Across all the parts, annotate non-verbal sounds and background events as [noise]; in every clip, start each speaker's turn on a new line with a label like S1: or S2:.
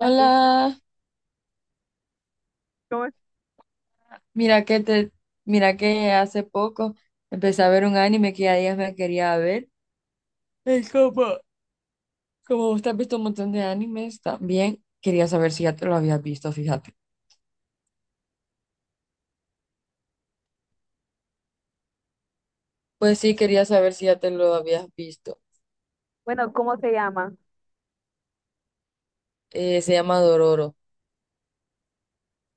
S1: ¿Las viste? ¿Cómo es?
S2: mira que te, mira que hace poco empecé a ver un anime que ya días me quería ver. Es como usted ha visto un montón de animes también, quería saber si ya te lo habías visto, fíjate. Pues sí, quería saber si ya te lo habías visto.
S1: Bueno, ¿cómo se llama?
S2: Se llama
S1: Sí.
S2: Dororo.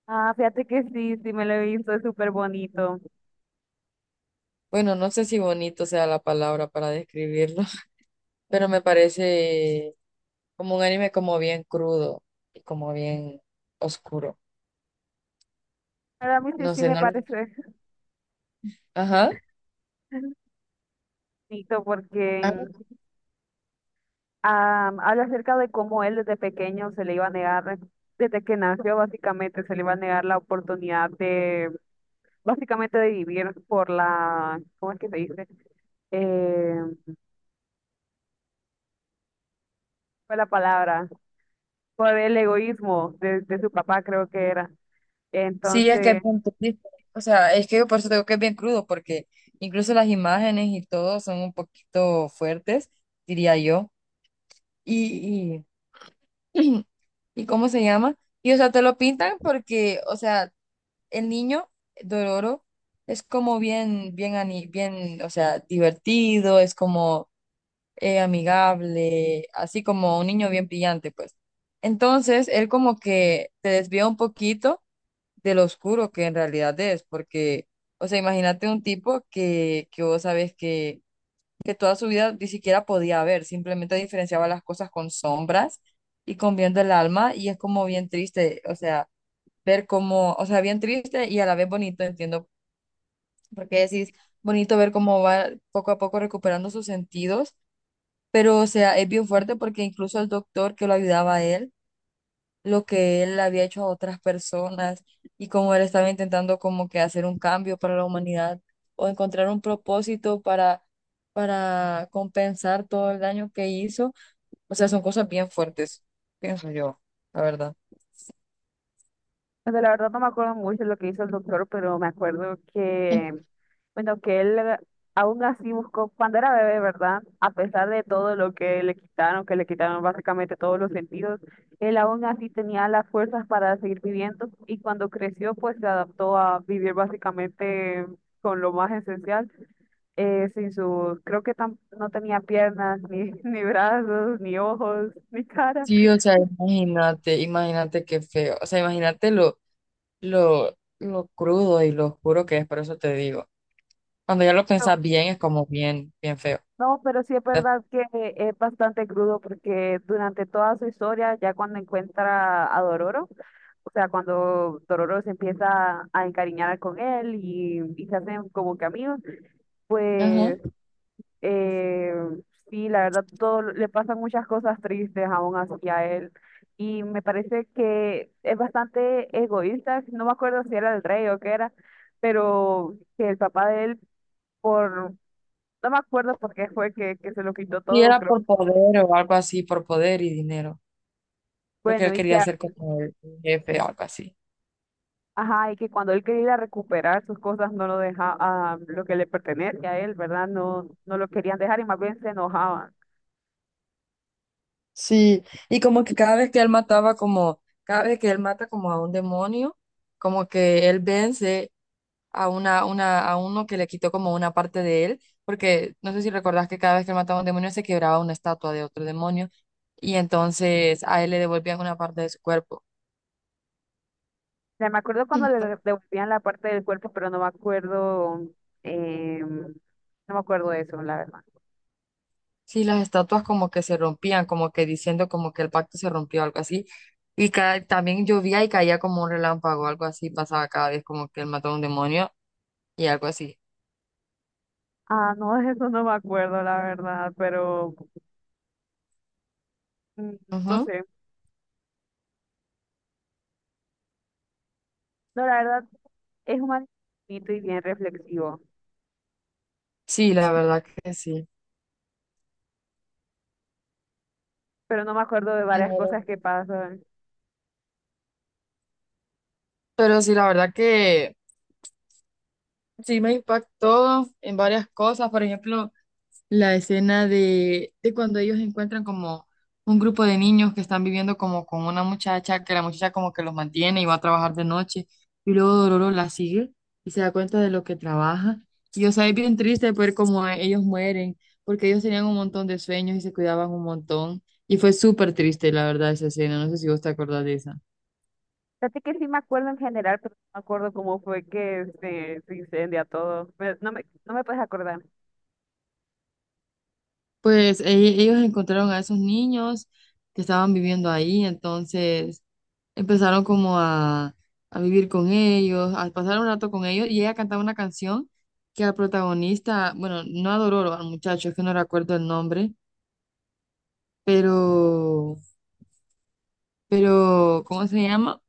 S1: Ah, fíjate que sí, sí me lo he visto, es súper bonito.
S2: Bueno, no sé si bonito sea la palabra para describirlo, [laughs] pero me parece como un anime como bien crudo y como bien oscuro.
S1: Para mí sí,
S2: No
S1: sí
S2: sé,
S1: me
S2: no lo...
S1: parece [laughs]
S2: Ajá.
S1: bonito porque ah, habla acerca de cómo él desde pequeño se le iba a negar, desde que nació básicamente se le iba a negar la oportunidad de, básicamente de vivir por la, ¿cómo es que se dice? eh, fue la palabra, por el egoísmo de su papá, creo que era.
S2: Sí, es que es
S1: Entonces,
S2: bien triste. O sea, es que por eso digo que es bien crudo, porque incluso las imágenes y todo son un poquito fuertes, diría yo. Y, y, [clears throat] ¿Y cómo se llama? Y o sea, te lo pintan porque, o sea, el niño Dororo es como bien, o sea, divertido, es como amigable, así como un niño bien brillante, pues. Entonces, él como que te desvía un poquito de lo oscuro que en realidad es, porque, o sea, imagínate un tipo que vos sabes que toda su vida ni siquiera podía ver, simplemente diferenciaba las cosas con sombras y con viendo el alma, y es como bien triste, o sea, ver cómo, o sea, bien triste y a la vez bonito, entiendo, porque decís, bonito ver cómo va poco a poco recuperando sus sentidos, pero, o sea, es bien fuerte porque incluso el doctor que lo ayudaba a él, lo que él había hecho a otras personas y cómo él estaba intentando como que hacer un cambio para la humanidad o encontrar un propósito para compensar todo el daño que hizo. O sea, son cosas bien fuertes, pienso yo, la verdad.
S1: o sea, la verdad no me acuerdo mucho lo que hizo el doctor, pero me acuerdo que, bueno, que él aún así buscó, cuando era bebé, ¿verdad? A pesar de todo lo que le quitaron básicamente todos los sentidos, él aún así tenía las fuerzas para seguir viviendo y cuando creció, pues se adaptó a vivir básicamente con lo más esencial, sin sus, creo que tam- no tenía piernas, ni, [laughs] ni brazos, ni ojos, ni cara.
S2: Sí, o sea, imagínate, imagínate qué feo. O sea, imagínate lo crudo y lo oscuro que es, por eso te digo. Cuando ya lo piensas bien, es como bien, bien feo.
S1: No, pero sí es verdad que es bastante crudo porque durante toda su historia, ya cuando encuentra a Dororo, o sea, cuando Dororo se empieza a encariñar con él y se hacen como que amigos,
S2: Ajá.
S1: eh, sí, la verdad, todo le pasan muchas cosas tristes aún así a él. Y me parece que es bastante egoísta, no me acuerdo si era el rey o qué era, pero que el papá de él, por, no me acuerdo por qué fue que se lo quitó
S2: Si
S1: todo,
S2: era
S1: creo.
S2: por poder o algo así, por poder y dinero. Porque
S1: Bueno,
S2: él
S1: y que
S2: quería ser como el jefe o algo así.
S1: ajá, y que cuando él quería ir a recuperar sus cosas no lo dejaba, ah, lo que le pertenece a él, ¿verdad? No, no lo querían dejar y más bien se enojaban. O
S2: Sí, y como que cada vez que él mata como a un demonio, como que él vence a a uno que le quitó como una parte de él, porque no sé si recordás que cada vez que él mataba a un demonio se quebraba una estatua de otro demonio, y entonces a él le devolvían una parte de su cuerpo.
S1: sea, me acuerdo cuando le de-
S2: [clears throat]
S1: devolvían la parte del cuerpo, pero no me acuerdo, no me acuerdo de eso, la verdad.
S2: Sí, las estatuas como que se rompían, como que diciendo como que el pacto se rompió, algo así. Y también llovía y caía como un relámpago, algo así pasaba cada vez, como que él mató a un demonio y algo así.
S1: Ah, no, de eso no me acuerdo, la verdad, pero mm, no
S2: Ujú.
S1: sé. No, la verdad, es un anime bonito y bien reflexivo,
S2: Sí, la verdad que sí.
S1: pero no me acuerdo de varias
S2: Claro.
S1: cosas que pasan.
S2: Pero sí, la verdad que sí me impactó en varias cosas. Por ejemplo, la escena de cuando ellos encuentran como un grupo de niños que están viviendo como con una muchacha, que la muchacha como que los mantiene y va a trabajar de noche, y luego Dororo la sigue y se da cuenta de lo que trabaja. Y o sea, es bien triste ver cómo ellos mueren, porque ellos tenían un montón de sueños y se cuidaban un montón. Y fue súper triste, la verdad, esa escena. No sé si vos te acordás de esa.
S1: Fíjate que sí me acuerdo en general, pero no me acuerdo cómo fue que se incendia todo. Me- no me, no me puedes acordar.
S2: Pues ellos encontraron a esos niños que estaban viviendo ahí, entonces... Empezaron como a vivir con ellos, a pasar un rato con ellos, y ella cantaba una canción que al protagonista, bueno, no adoró al muchacho, es que no recuerdo el nombre, pero, pero, ¿cómo se llama?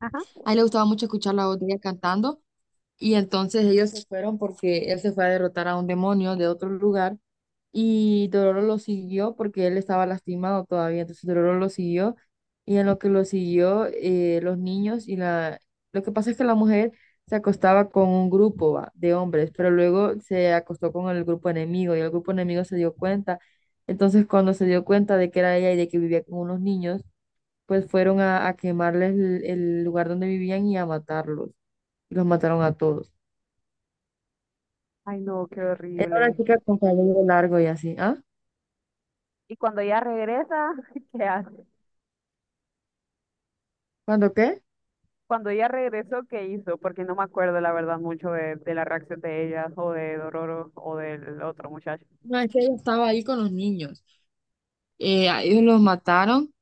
S1: Ajá.
S2: A él le gustaba mucho escuchar la voz de ella cantando, y entonces ellos se fueron porque él se fue a derrotar a un demonio de otro lugar. Y Dororo lo siguió porque él estaba lastimado todavía, entonces Dororo lo siguió y en lo que lo siguió los niños y la... Lo que pasa es que la mujer se acostaba con un grupo va, de hombres, pero luego se acostó con el grupo enemigo y el grupo enemigo se dio cuenta. Entonces cuando se dio cuenta de que era ella y de que vivía con unos niños, pues fueron a quemarles el lugar donde vivían y a matarlos. Y los mataron a todos.
S1: Ay, no, qué
S2: Era una
S1: horrible.
S2: chica con cabello largo y así. ¿Ah?
S1: Y cuando ella regresa, [laughs] ¿qué hace?
S2: ¿Cuándo qué?
S1: Cuando ella regresó, ¿qué hizo? Porque no me acuerdo, la verdad, mucho de la reacción de ella o de Dororo o del otro muchacho.
S2: No, es que ella estaba ahí con los niños. A ellos los mataron,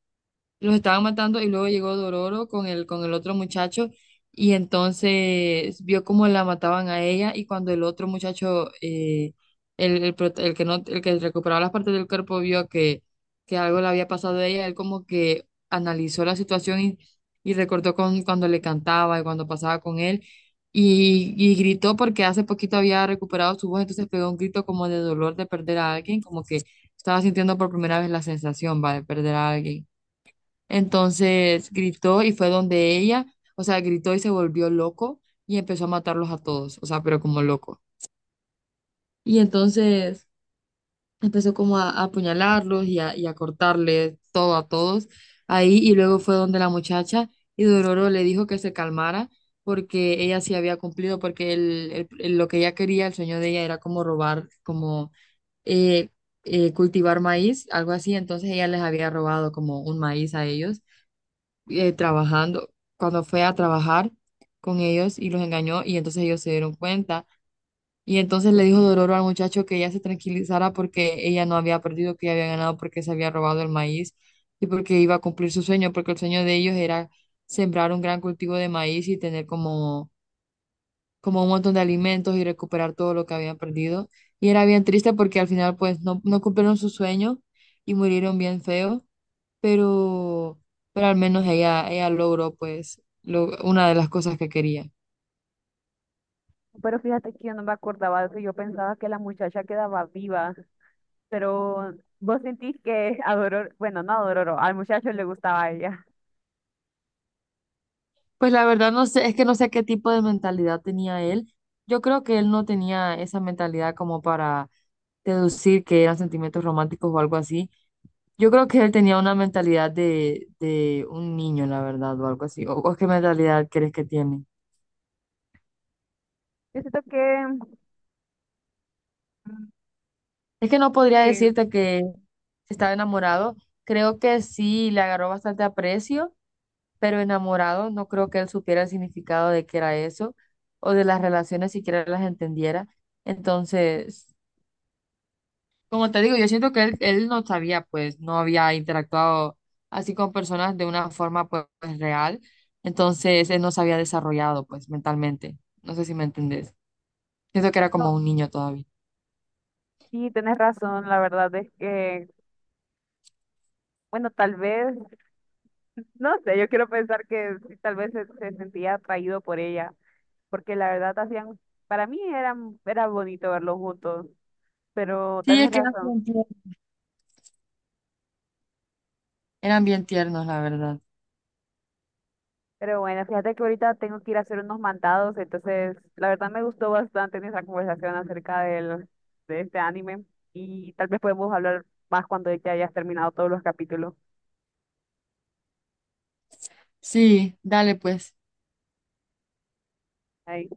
S2: los estaban matando y luego llegó Dororo con el otro muchacho y entonces vio cómo la mataban a ella y cuando el otro muchacho, el, prot- el que no, el que recuperaba las partes del cuerpo vio que algo le había pasado a ella, él como que analizó la situación y recordó cuando le cantaba y cuando pasaba con él. Y gritó porque hace poquito había recuperado su voz, entonces pegó un grito como de dolor de perder a alguien, como que estaba sintiendo por primera vez la sensación, va, de perder a alguien. Entonces gritó y fue donde ella, o sea, gritó y se volvió loco y empezó a matarlos a todos, o sea, pero como loco. Y entonces empezó como a apuñalarlos y a cortarle todo a todos ahí y luego fue donde la muchacha y Dororo le dijo que se calmara porque ella sí había cumplido, porque lo que ella quería, el sueño de ella era como robar, como eh, cultivar maíz, algo así, entonces ella les había robado como un maíz a ellos trabajando, cuando fue a trabajar con ellos y los engañó y entonces ellos se dieron cuenta. Y entonces le dijo Dororo al muchacho que ella se tranquilizara porque ella no había perdido, que ella había ganado porque se había robado el maíz y porque iba a cumplir su sueño, porque el sueño de ellos era sembrar un gran cultivo de maíz y tener como, como un montón de alimentos y recuperar todo lo que habían perdido. Y era bien triste porque al final pues no, no cumplieron su sueño y murieron bien feo pero, pero al menos ella logró pues una de las cosas que quería.
S1: Pero fíjate que yo no me acordaba de eso. Yo pensaba que la muchacha quedaba viva, pero vos sentís que a Dororo, bueno, no a Dororo, al muchacho le gustaba a ella.
S2: Pues la verdad no sé, es que no sé qué tipo de mentalidad tenía él. Yo creo que él no tenía esa mentalidad como para deducir que eran sentimientos románticos o algo así. Yo creo que él tenía una mentalidad de un niño, la verdad, o algo así. ¿O qué mentalidad crees que tiene?
S1: Yo siento que, mm,
S2: Es que no
S1: sí.
S2: podría decirte que estaba enamorado. Creo que sí, le agarró bastante aprecio pero enamorado, no creo que él supiera el significado de qué era eso, o de las relaciones siquiera las entendiera. Entonces, como te digo, yo siento que él no sabía, pues, no había interactuado así con personas de una forma, pues, real. Entonces, él no se había desarrollado, pues, mentalmente. No sé si me entendés. Siento que era
S1: No,
S2: como un niño todavía.
S1: sí, tenés razón, la verdad es que, bueno, tal vez, no sé, yo quiero pensar que sí, tal vez se sentía atraído por ella, porque la verdad hacían, para mí eran, era bonito verlos juntos, pero
S2: Sí, es
S1: tenés
S2: que
S1: razón.
S2: eran bien tiernos, la verdad.
S1: Pero bueno, fíjate que ahorita tengo que ir a hacer unos mandados, entonces la verdad me gustó bastante nuestra conversación acerca del, de este anime y tal vez podemos hablar más cuando ya hayas terminado todos los capítulos.
S2: Sí, dale, pues.
S1: Ahí.